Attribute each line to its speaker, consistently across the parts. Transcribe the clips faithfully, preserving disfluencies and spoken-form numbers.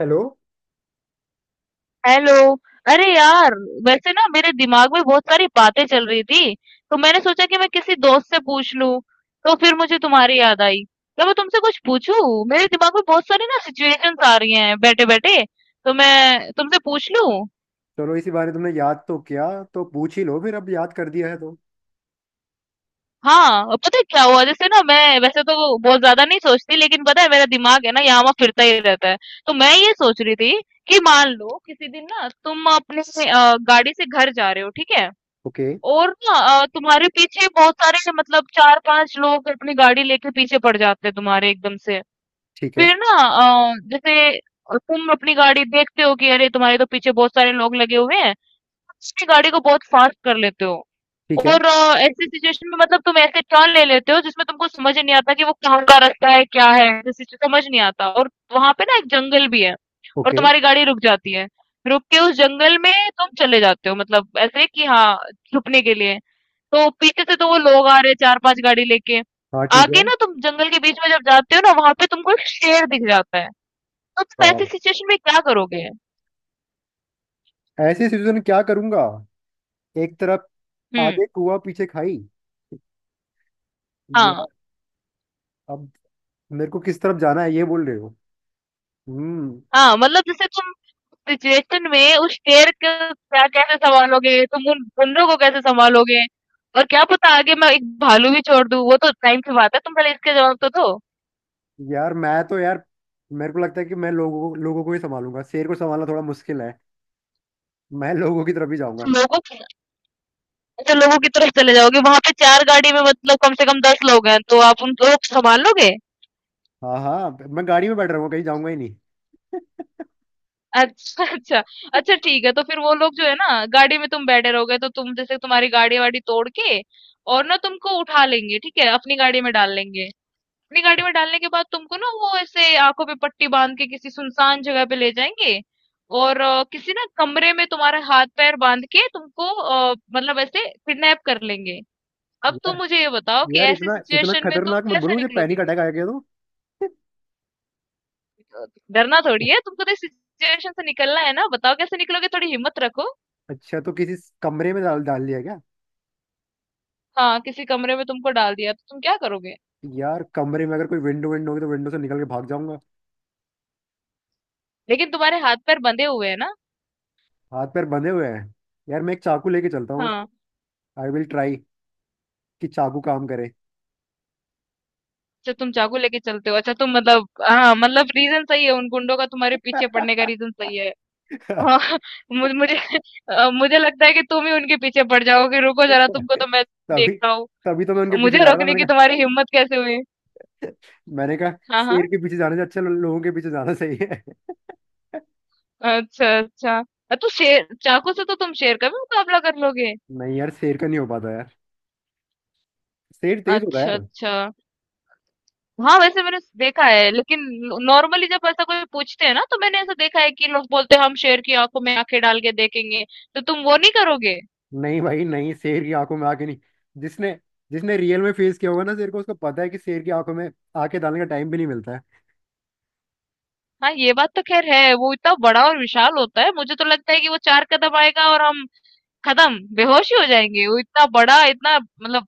Speaker 1: Hello.
Speaker 2: Hello! अरे यार, वैसे ना मेरे दिमाग में बहुत सारी बातें चल रही थी, तो मैंने सोचा कि मैं किसी दोस्त से पूछ लूं, तो फिर मुझे तुम्हारी याद आई। क्या मैं तुमसे कुछ पूछूं? मेरे दिमाग में बहुत सारी ना सिचुएशंस आ रही हैं बैठे-बैठे, तो मैं तुमसे पूछ लूं?
Speaker 1: चलो, इसी बारे तुमने याद तो किया तो पूछ ही लो। फिर अब याद कर दिया है तो
Speaker 2: हाँ, और पता है क्या हुआ जैसे ना मैं वैसे तो बहुत ज्यादा नहीं सोचती लेकिन पता है मेरा दिमाग है ना यहाँ वहाँ फिरता ही रहता है। तो मैं ये सोच रही थी कि मान लो किसी दिन ना तुम अपने अ, गाड़ी से घर जा रहे हो, ठीक है?
Speaker 1: ओके।
Speaker 2: और ना अ, तुम्हारे पीछे बहुत सारे मतलब चार पांच लोग अपनी गाड़ी लेके पीछे पड़ जाते हैं तुम्हारे एकदम से।
Speaker 1: ठीक है।
Speaker 2: फिर ना अ, जैसे तुम अपनी गाड़ी देखते हो कि अरे तुम्हारे तो पीछे बहुत सारे लोग लगे हुए हैं, अपनी गाड़ी को बहुत फास्ट कर लेते हो।
Speaker 1: ठीक है।
Speaker 2: और अ, ऐसी सिचुएशन में मतलब तुम ऐसे टर्न ले लेते हो जिसमें तुमको समझ ही नहीं आता कि वो कहाँ का रास्ता है क्या है, ऐसी सिचु- समझ नहीं आता, और वहां पे ना एक जंगल भी है और
Speaker 1: ओके।
Speaker 2: तुम्हारी गाड़ी रुक जाती है। रुक के उस जंगल में तुम चले जाते हो मतलब ऐसे कि हाँ, छुपने के लिए। तो पीछे से तो वो लोग आ रहे हैं चार पाँच गाड़ी लेके।
Speaker 1: हाँ ठीक
Speaker 2: आगे
Speaker 1: है।
Speaker 2: ना तुम जंगल के बीच में जब जाते हो ना वहाँ पे तुमको एक शेर दिख जाता है। तो तुम
Speaker 1: वाह।
Speaker 2: ऐसी सिचुएशन में क्या करोगे?
Speaker 1: ऐसे सिचुएशन में क्या करूंगा? एक तरफ
Speaker 2: हुँ,
Speaker 1: आगे कुआ पीछे खाई।
Speaker 2: हाँ,
Speaker 1: यार, अब मेरे को किस तरफ जाना है ये बोल रहे हो? हम्म।
Speaker 2: हाँ, मतलब जैसे तुम सिचुएशन में उस शेर को क्या कैसे सँभालोगे? तुम उन बंदरों को कैसे सँभालोगे? और क्या पता आगे मैं एक भालू भी छोड़ दूँ, वो तो टाइम की बात है, तुम पहले इसका जवाब तो दो।
Speaker 1: यार, मैं तो यार मेरे को लगता है कि मैं लोगों को लोगों को ही संभालूंगा। शेर को संभालना थोड़ा मुश्किल है। मैं लोगों की तरफ ही जाऊंगा।
Speaker 2: लोगों की? अच्छा, लोगों की तरफ चले जाओगे, वहाँ पे चार गाड़ी में मतलब कम से कम दस लोग हैं, तो आप उन लोग सँभाल लोगे?
Speaker 1: हाँ हाँ। मैं गाड़ी में बैठ रहा हूँ, कहीं जाऊंगा ही नहीं।
Speaker 2: अच्छा, अच्छा। अच्छा ठीक है, तो फिर वो लोग जो है ना गाड़ी में तुम बैठे रहोगे तो तुम जैसे तुम्हारी गाड़ी-वाड़ी तोड़ के और ना तुमको उठा लेंगे, ठीक है? अपनी गाड़ी में डाल लेंगे। अपनी गाड़ी में डालने के बाद तुमको ना वो ऐसे आँखों पे पट्टी बाँध के किसी सुनसान जगह पे ले जाएँगे और अ, किसी ना कमरे में तुम्हारा हाथ-पैर बाँध के तुमको अ, मतलब ऐसे किडनैप कर लेंगे। अब तुम
Speaker 1: यार
Speaker 2: मुझे ये बताओ कि
Speaker 1: यार
Speaker 2: ऐसी
Speaker 1: इतना इतना
Speaker 2: सिचुएशन में तुम
Speaker 1: खतरनाक मत बोलो,
Speaker 2: कैसे
Speaker 1: मुझे पैनिक
Speaker 2: निकलोगे?
Speaker 1: अटैक आ गया तो।
Speaker 2: अ, डरना थोड़ी है, तुमको तो इस सिचुएशन से निकलना है ना, बताओ कैसे निकलोगे? थोड़ी हिम्मत रखो।
Speaker 1: अच्छा, तो किसी कमरे में डाल डाल दिया क्या?
Speaker 2: हाँ, किसी कमरे में तुमको डाल दिया तो तुम क्या करोगे?
Speaker 1: यार, कमरे में अगर कोई विंडो विंडो होगी तो विंडो से निकल के भाग जाऊंगा।
Speaker 2: लेकिन तुम्हारे हाथ पैर बंधे हुए हैं ना।
Speaker 1: हाथ पैर बंधे हुए हैं। यार, मैं एक चाकू लेके चलता हूँ।
Speaker 2: हाँ।
Speaker 1: आई विल ट्राई कि चाकू काम करे।
Speaker 2: अच्छा, तुम चाकू लेके चलते हो। अच्छा तुम मतलब हाँ, मतलब रीजन सही है, उन गुंडों का तुम्हारे पीछे पड़ने का रीजन सही है। हाँ, मुझे मुझे अ, मुझे लगता है कि तुम ही उनके पीछे पड़ जाओगे, रुको जरा तुमको तो मैं
Speaker 1: तभी
Speaker 2: देखता हूँ।
Speaker 1: तभी तो मैं उनके पीछे
Speaker 2: मुझे
Speaker 1: जा रहा था।
Speaker 2: रोकने
Speaker 1: मैंने
Speaker 2: की
Speaker 1: कहा।
Speaker 2: तुम्हारी हिम्मत कैसे हुई?
Speaker 1: मैंने कहा,
Speaker 2: हाँ, हाँ।
Speaker 1: शेर के पीछे जाने से अच्छा लो- लोगों के पीछे जाना सही है।
Speaker 2: अच्छा, अच्छा। अ, तो शेर, चाकू से तो तुम शेर का भी मुकाबला कर लोगे।
Speaker 1: नहीं यार, शेर का नहीं हो पाता यार। शेर तेज होता है
Speaker 2: अच्छा,
Speaker 1: यार।
Speaker 2: अच्छा। हाँ वैसे मैंने देखा है लेकिन नॉर्मली जब ऐसा कोई पूछते हैं ना तो मैंने ऐसा देखा है कि लोग बोलते हैं हम शेर की आंखों में आंखें डाल के देखेंगे, तो तुम वो नहीं करोगे?
Speaker 1: नहीं भाई नहीं, शेर की आंखों में आके नहीं। जिसने जिसने रियल में फेस किया होगा ना शेर को, उसको पता है कि शेर की आंखों में आके डालने का टाइम भी नहीं मिलता है।
Speaker 2: हाँ ये बात तो खैर है, वो इतना बड़ा और विशाल होता है मुझे तो लगता है कि वो चार कदम आएगा और हम खत्म, बेहोश ही हो जाएंगे, वो इतना बड़ा, इतना मतलब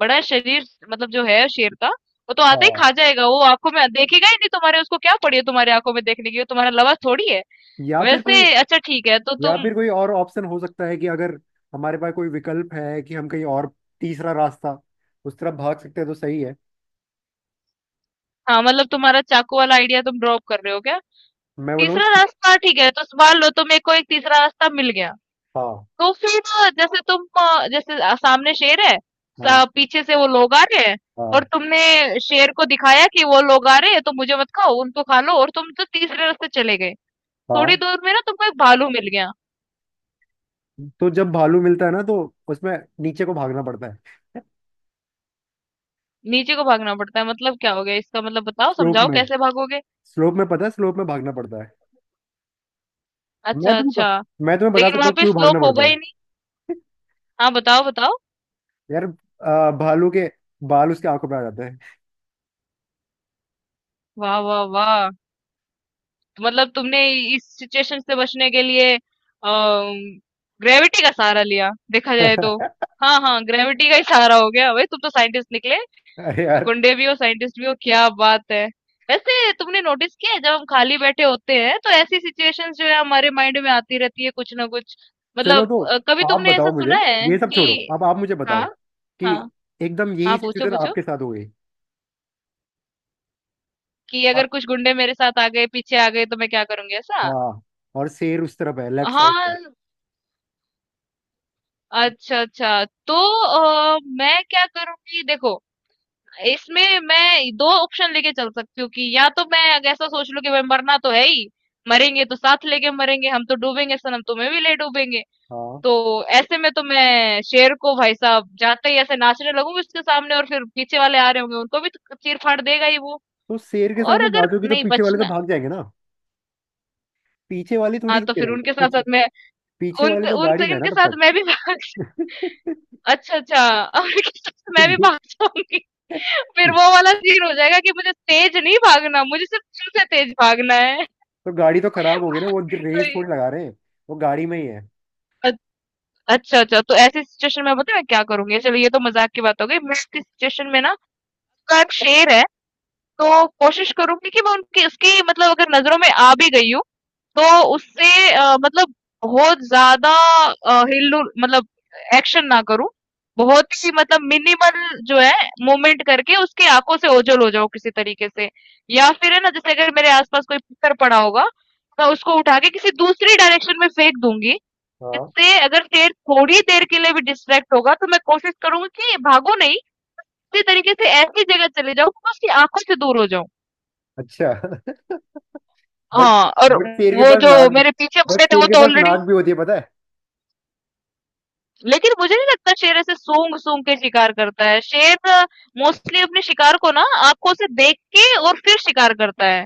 Speaker 2: बड़ा शरीर मतलब जो है शेर का, वो तो आते ही
Speaker 1: हाँ।
Speaker 2: खा जाएगा, वो आंखों में देखेगा ही नहीं तुम्हारे, उसको क्या पड़ी है तुम्हारे आंखों में देखने की, वो तुम्हारा लवा थोड़ी है।
Speaker 1: या फिर कोई
Speaker 2: वैसे अच्छा ठीक है तो
Speaker 1: या
Speaker 2: तुम,
Speaker 1: फिर कोई और ऑप्शन हो सकता है कि अगर हमारे पास कोई विकल्प है कि हम कहीं और, तीसरा रास्ता, उस तरफ भाग सकते हैं तो सही है।
Speaker 2: हाँ मतलब तुम्हारा चाकू वाला आइडिया तुम ड्रॉप कर रहे हो क्या?
Speaker 1: मैं बोलूँ?
Speaker 2: तीसरा रास्ता ठीक है, तो स मान लो तो मेरे को एक तीसरा रास्ता मिल गया।
Speaker 1: हाँ
Speaker 2: तो फिर जैसे तुम अ, जैसे अ, सामने शेर है, स
Speaker 1: हाँ
Speaker 2: पीछे से वो लोग आ रहे हैं और
Speaker 1: हाँ
Speaker 2: तुमने शेर को दिखाया कि वो लोग आ रहे हैं, तो मुझे मत खाओ, उनको खा लो, और तुम तो तीसरे रास्ते चले गए। थोड़ी
Speaker 1: हाँ।
Speaker 2: दूर में ना तुमको एक भालू मिल गया,
Speaker 1: तो जब भालू मिलता है ना तो उसमें नीचे को भागना पड़ता है।
Speaker 2: नीचे को भागना पड़ता है, मतलब क्या हो गया इसका मतलब बताओ,
Speaker 1: स्लोप
Speaker 2: समझाओ
Speaker 1: में।
Speaker 2: कैसे भागोगे?
Speaker 1: स्लोप में पता है, स्लोप में भागना पड़ता है। मैं
Speaker 2: अच्छा,
Speaker 1: तुमको
Speaker 2: अच्छा।
Speaker 1: मैं तुम्हें बता
Speaker 2: लेकिन
Speaker 1: सकता
Speaker 2: वहाँ
Speaker 1: हूँ
Speaker 2: पे
Speaker 1: क्यों भागना
Speaker 2: स्लोप
Speaker 1: पड़ता
Speaker 2: होगा ही
Speaker 1: है।
Speaker 2: नहीं। हाँ, बताओ, बताओ।
Speaker 1: यार, आ, भालू के बाल उसके आंखों पे आ जाते हैं।
Speaker 2: वाह, वाह, वाह! तो मतलब तुमने इस सिचुएशन से बचने के लिए ग्रेविटी का सहारा लिया देखा जाए तो। हाँ हाँ, ग्रेविटी का ही सहारा हो गया, भाई तुम तो साइंटिस्ट निकले,
Speaker 1: अरे यार।
Speaker 2: गुंडे भी हो साइंटिस्ट भी हो, क्या बात है। वैसे तुमने नोटिस किया है जब हम खाली बैठे होते हैं तो ऐसी सिचुएशंस जो है हमारे माइंड में आती रहती है कुछ ना कुछ,
Speaker 1: चलो,
Speaker 2: मतलब
Speaker 1: तो
Speaker 2: अ, कभी
Speaker 1: आप
Speaker 2: तुमने ऐसा
Speaker 1: बताओ मुझे।
Speaker 2: सुना है
Speaker 1: ये सब छोड़ो,
Speaker 2: कि,
Speaker 1: अब आप मुझे
Speaker 2: हाँ,
Speaker 1: बताओ कि
Speaker 2: हाँ,
Speaker 1: एकदम यही
Speaker 2: हाँ, पूछो
Speaker 1: सिचुएशन
Speaker 2: पूछो
Speaker 1: आपके साथ हो गई।
Speaker 2: कि
Speaker 1: हाँ।
Speaker 2: अगर कुछ गुंडे मेरे साथ आ गए पीछे आ गए तो मैं क्या करूंगी, ऐसा?
Speaker 1: हाँ, और शेर उस तरफ है, लेफ्ट साइड पे।
Speaker 2: हाँ। अच्छा, अच्छा। तो अ, मैं क्या करूँगी देखो, इसमें मैं दो ऑप्शन लेके चल सकती हूँ कि या तो मैं अगर ऐसा सोच लूँ कि भाई मरना तो है ही, मरेंगे तो साथ लेके मरेंगे, हम तो डूबेंगे सनम तुम्हें भी ले डूबेंगे।
Speaker 1: हाँ।
Speaker 2: तो ऐसे में तो मैं शेर को भाई साहब जाते ही ऐसे नाचने लगूंगी उसके सामने और फिर पीछे वाले आ रहे होंगे उनको भी तो चीर-फाड़ देगा ही वो।
Speaker 1: तो शेर के
Speaker 2: और
Speaker 1: सामने
Speaker 2: अगर
Speaker 1: नाचोगी तो
Speaker 2: नहीं
Speaker 1: पीछे वाले तो
Speaker 2: बचना,
Speaker 1: भाग जाएंगे ना? पीछे वाले थोड़ी
Speaker 2: हाँ, तो
Speaker 1: रुके
Speaker 2: फिर
Speaker 1: रहेंगे
Speaker 2: उनके
Speaker 1: पीछे।
Speaker 2: साथ-साथ मैं,
Speaker 1: पीछे
Speaker 2: उन
Speaker 1: वाले तो
Speaker 2: उन
Speaker 1: गाड़ी में है ना
Speaker 2: उनके
Speaker 1: तब
Speaker 2: साथ
Speaker 1: तक।
Speaker 2: मैं भी भाग, अच्छा, अच्छा। और किस तरह से मैं भी
Speaker 1: ये
Speaker 2: भाग जाऊँगी। फिर वो वाला सीन हो जाएगा कि मुझे तेज़ नहीं भागना, मुझे सिर्फ़ चिल से तेज़ भागना है।
Speaker 1: तो गाड़ी तो खराब हो गई ना, वो रेस
Speaker 2: कोई,
Speaker 1: थोड़ी लगा रहे हैं। वो गाड़ी में ही है।
Speaker 2: अ, अच्छा, अच्छा, तो ऐसी सिचुएशन में पता है मैं क्या करूँगी? चलो ये तो मज़ाक की बात हो गई। मैं ऐसी सिचुएशन में ना उसका एक शेर है, तो कोशिश करूँगी कि मैं उनकी उसकी मतलब अगर नज़रों में आ भी गई हूँ तो उससे अ, मतलब बहुत ज़्यादा अ, हिल-डुल मतलब एक्शन ना करूँ। बहुत ही मतलब मिनिमल जो है मूवमेंट करके उसकी आँखों से ओझल हो जाऊँ किसी तरीके से। या फिर है ना जैसे अगर मेरे आस-पास कोई पत्थर पड़ा होगा, मैं उसको उठा के किसी दूसरी डायरेक्शन में फेंक दूँगी।
Speaker 1: हाँ।
Speaker 2: जिससे अगर शेर थोड़ी देर के लिए भी डिस्ट्रैक्ट होगा तो मैं कोशिश करूँगी कि भागो नहीं, इसी तरीके से ऐसी जगह चले जाऊँ कि मैं उसकी आँखों से दूर हो जाऊँ।
Speaker 1: अच्छा। बट
Speaker 2: हाँ, और
Speaker 1: बट शेर के
Speaker 2: वो
Speaker 1: पास
Speaker 2: जो
Speaker 1: नाक भी
Speaker 2: मेरे पीछे
Speaker 1: बट
Speaker 2: पड़े थे
Speaker 1: शेर
Speaker 2: वो
Speaker 1: के
Speaker 2: तो
Speaker 1: पास
Speaker 2: ऑलरेडी,
Speaker 1: नाक भी होती है पता है।
Speaker 2: लेकिन मुझे नहीं लगता शेर ऐसे सूंघ-सूंघ के शिकार करता है। शेर मोस्टली अपने शिकार को ना आँखों से देख के और फिर शिकार करता है।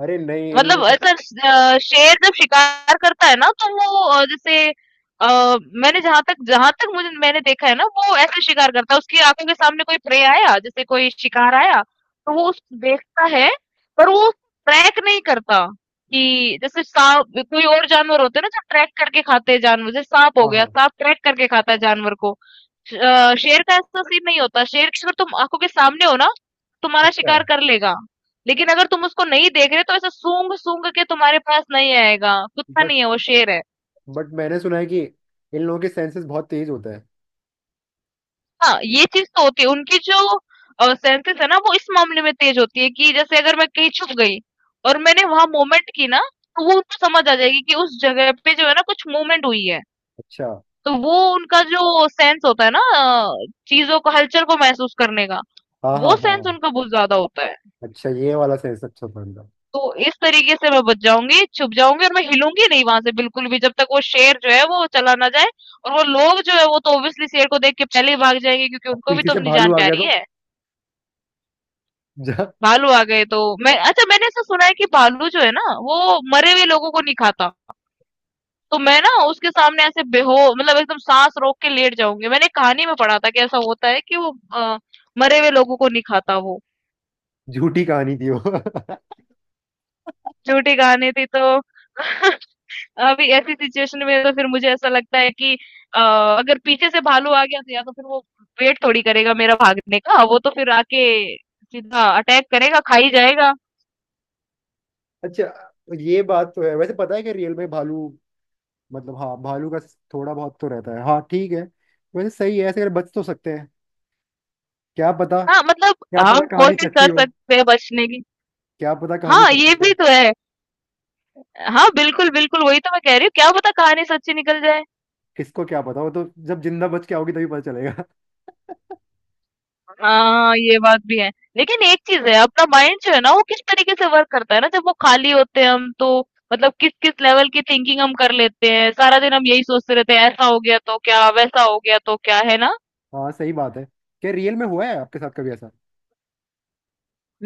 Speaker 1: अरे नहीं, इन लोगों
Speaker 2: मतलब
Speaker 1: के।
Speaker 2: ऐसा अ, शेर जब शिकार करता है ना तो वो अ, जैसे अ, मैंने जहाँ तक जहाँ तक मुझे मैंने देखा है ना वो ऐसे शिकार करता है, उसकी आंखों के सामने कोई प्रे आया जैसे कोई शिकार आया तो वो उस देखता है, पर वो ट्रैक नहीं करता कि जैसे सांप कोई और जानवर होते हैं ना जो ट्रैक करके खाते हैं जानवर, जैसे सांप हो
Speaker 1: हाँ
Speaker 2: गया,
Speaker 1: हाँ।
Speaker 2: सांप ट्रैक करके खाता है जानवर को। श- अ, शेर का ऐसा सीन नहीं होता, शेर की अगर तुम आंखों के सामने हो ना तुम्हारा
Speaker 1: अच्छा।
Speaker 2: शिकार कर लेगा, लेकिन अगर तुम उसको नहीं देख रहे तो ऐसा सूंघ सूंघ के तुम्हारे पास नहीं आएगा, कुत्ता
Speaker 1: बट
Speaker 2: नहीं है वो शेर है।
Speaker 1: बट मैंने सुना है कि इन लोगों के सेंसेस बहुत तेज होते हैं।
Speaker 2: हाँ ये चीज तो होती है उनकी, जो सेंसेस है ना वो इस मामले में तेज होती है, कि जैसे अगर मैं कहीं छुप गई और मैंने वहां मूवमेंट की ना तो वो उनको समझ आ जाएगी कि उस जगह पे जो है ना कुछ मूवमेंट हुई है।
Speaker 1: अच्छा।
Speaker 2: तो वो उनका जो सेंस होता है ना, अ, चीजों को हलचल को महसूस करने का,
Speaker 1: हाँ हाँ
Speaker 2: वो
Speaker 1: हाँ
Speaker 2: सेंस
Speaker 1: हाँ।
Speaker 2: उनका बहुत ज्यादा होता है।
Speaker 1: अच्छा, ये वाला सेंस अच्छा था इनका।
Speaker 2: तो इस तरीके से मैं बच जाऊँगी, छुप जाऊँगी और मैं हिलूँगी नहीं वहाँ से बिल्कुल भी जब तक वो शेर जो है वो चला ना जाए, और वो लोग जो है वो तो ऑब्वियसली शेर को देख के पहले ही भाग जाएँगे क्योंकि
Speaker 1: अब
Speaker 2: उनको भी
Speaker 1: पीछे
Speaker 2: तो
Speaker 1: से
Speaker 2: अपनी
Speaker 1: भालू
Speaker 2: जान
Speaker 1: आ गया
Speaker 2: प्यारी
Speaker 1: तो
Speaker 2: है।
Speaker 1: जा
Speaker 2: भालू आ गए तो, मैं, अच्छा मैंने ऐसा सुना है कि भालू जो है ना वो मरे हुए लोगों को नहीं खाता। तो मैं ना उसके सामने ऐसे बेहो मतलब एकदम साँस रोक के लेट जाऊँगी। मैंने कहानी में पढ़ा था कि ऐसा होता है कि वो अ, मरे हुए लोगों को नहीं खाता वो।
Speaker 1: झूठी कहानी थी वो।
Speaker 2: झूठी कहानी थी तो अभी ऐसी सिचुएशन में तो फिर मुझे ऐसा लगता है कि अ, अगर पीछे से भालू आ गया तो या तो फिर वो वेट थोड़ी करेगा मेरा भागने का, वो तो फिर आके सीधा अटैक करेगा, खा ही जाएगा।
Speaker 1: अच्छा। ये बात तो है। वैसे पता है कि रियल में भालू, मतलब हाँ, भालू का थोड़ा बहुत तो रहता है। हाँ ठीक है। वैसे सही है, ऐसे अगर बच तो सकते हैं। क्या पता।
Speaker 2: हाँ मतलब
Speaker 1: क्या पता
Speaker 2: हम
Speaker 1: कहानी
Speaker 2: कोशिश
Speaker 1: सच्ची
Speaker 2: कर
Speaker 1: हो।
Speaker 2: सकते हैं बचने की।
Speaker 1: क्या पता कहानी
Speaker 2: हाँ
Speaker 1: सच्ची
Speaker 2: ये भी
Speaker 1: हो।
Speaker 2: तो है। हाँ बिल्कुल बिल्कुल, वही तो मैं कह रही हूँ क्या पता कहानी सच्ची निकल जाए।
Speaker 1: किसको क्या पता, वो तो जब जिंदा बच के आओगी तभी पता चलेगा।
Speaker 2: हाँ ये बात भी है, लेकिन एक चीज है अपना माइंड जो है ना वो किस तरीके से वर्क करता है ना जब वो खाली होते हैं हम तो, मतलब किस किस लेवल की थिंकिंग हम कर लेते हैं सारा दिन, हम यही सोचते रहते हैं ऐसा हो गया तो क्या वैसा हो गया तो क्या, है ना?
Speaker 1: हाँ सही बात है। क्या रियल में हुआ है आपके साथ कभी ऐसा?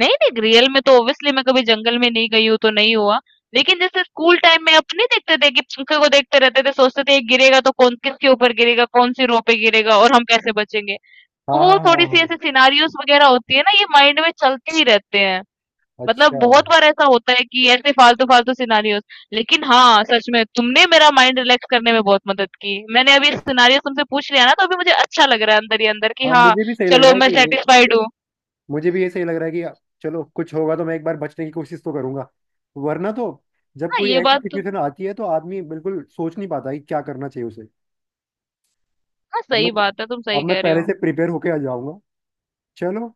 Speaker 2: नहीं नहीं, रियल में तो ऑब्वियसली मैं कभी जंगल में नहीं गई हूँ तो नहीं हुआ, लेकिन जैसे स्कूल टाइम में अपने देखते थे कि पंखे को देखते रहते थे, सोचते थे ये गिरेगा तो कौन किसके ऊपर गिरेगा, कौन सी रो पे गिरेगा और हम कैसे बचेंगे। तो
Speaker 1: हाँ हाँ
Speaker 2: वो
Speaker 1: हाँ
Speaker 2: थोड़ी सी
Speaker 1: हाँ।
Speaker 2: ऐसे सिनारियोस वगैरह होती है ना, ये माइंड में चलते ही रहते हैं, मतलब
Speaker 1: अच्छा।
Speaker 2: बहुत बार ऐसा होता है कि ऐसे फालतू-फालतू सिनेरियोस। लेकिन हाँ, सच में तुमने मेरा माइंड रिलैक्स करने में बहुत मदद की। मैंने अभी सिनेरियोस तुमसे पूछ लिया ना तो अभी मुझे अच्छा लग रहा है अंदर ही अंदर कि
Speaker 1: हाँ
Speaker 2: हाँ,
Speaker 1: मुझे भी सही लग
Speaker 2: चलो
Speaker 1: रहा है
Speaker 2: मैं
Speaker 1: कि
Speaker 2: सैटिस्फाइड हूँ।
Speaker 1: मुझे भी ये सही लग रहा है कि चलो, कुछ होगा तो मैं एक बार बचने की कोशिश तो करूंगा। वरना तो जब
Speaker 2: हाँ,
Speaker 1: कोई
Speaker 2: ये
Speaker 1: ऐसी
Speaker 2: बात तो,
Speaker 1: सिचुएशन आती है तो आदमी बिल्कुल सोच नहीं पाता कि क्या करना चाहिए उसे।
Speaker 2: हाँ,
Speaker 1: अब मैं
Speaker 2: सही बात है, तुम
Speaker 1: अब
Speaker 2: सही
Speaker 1: मैं
Speaker 2: कह रहे
Speaker 1: पहले
Speaker 2: हो।
Speaker 1: से प्रिपेयर होके आ जाऊंगा। चलो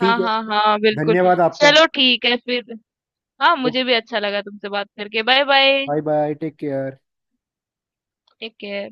Speaker 2: हाँ,
Speaker 1: है।
Speaker 2: हाँ, हाँ, बिल्कुल।
Speaker 1: धन्यवाद आपका।
Speaker 2: चलो ठीक है फिर। हाँ, मुझे भी अच्छा लगा तुमसे बात करके। Bye bye.
Speaker 1: Bye bye, take care.
Speaker 2: Take care.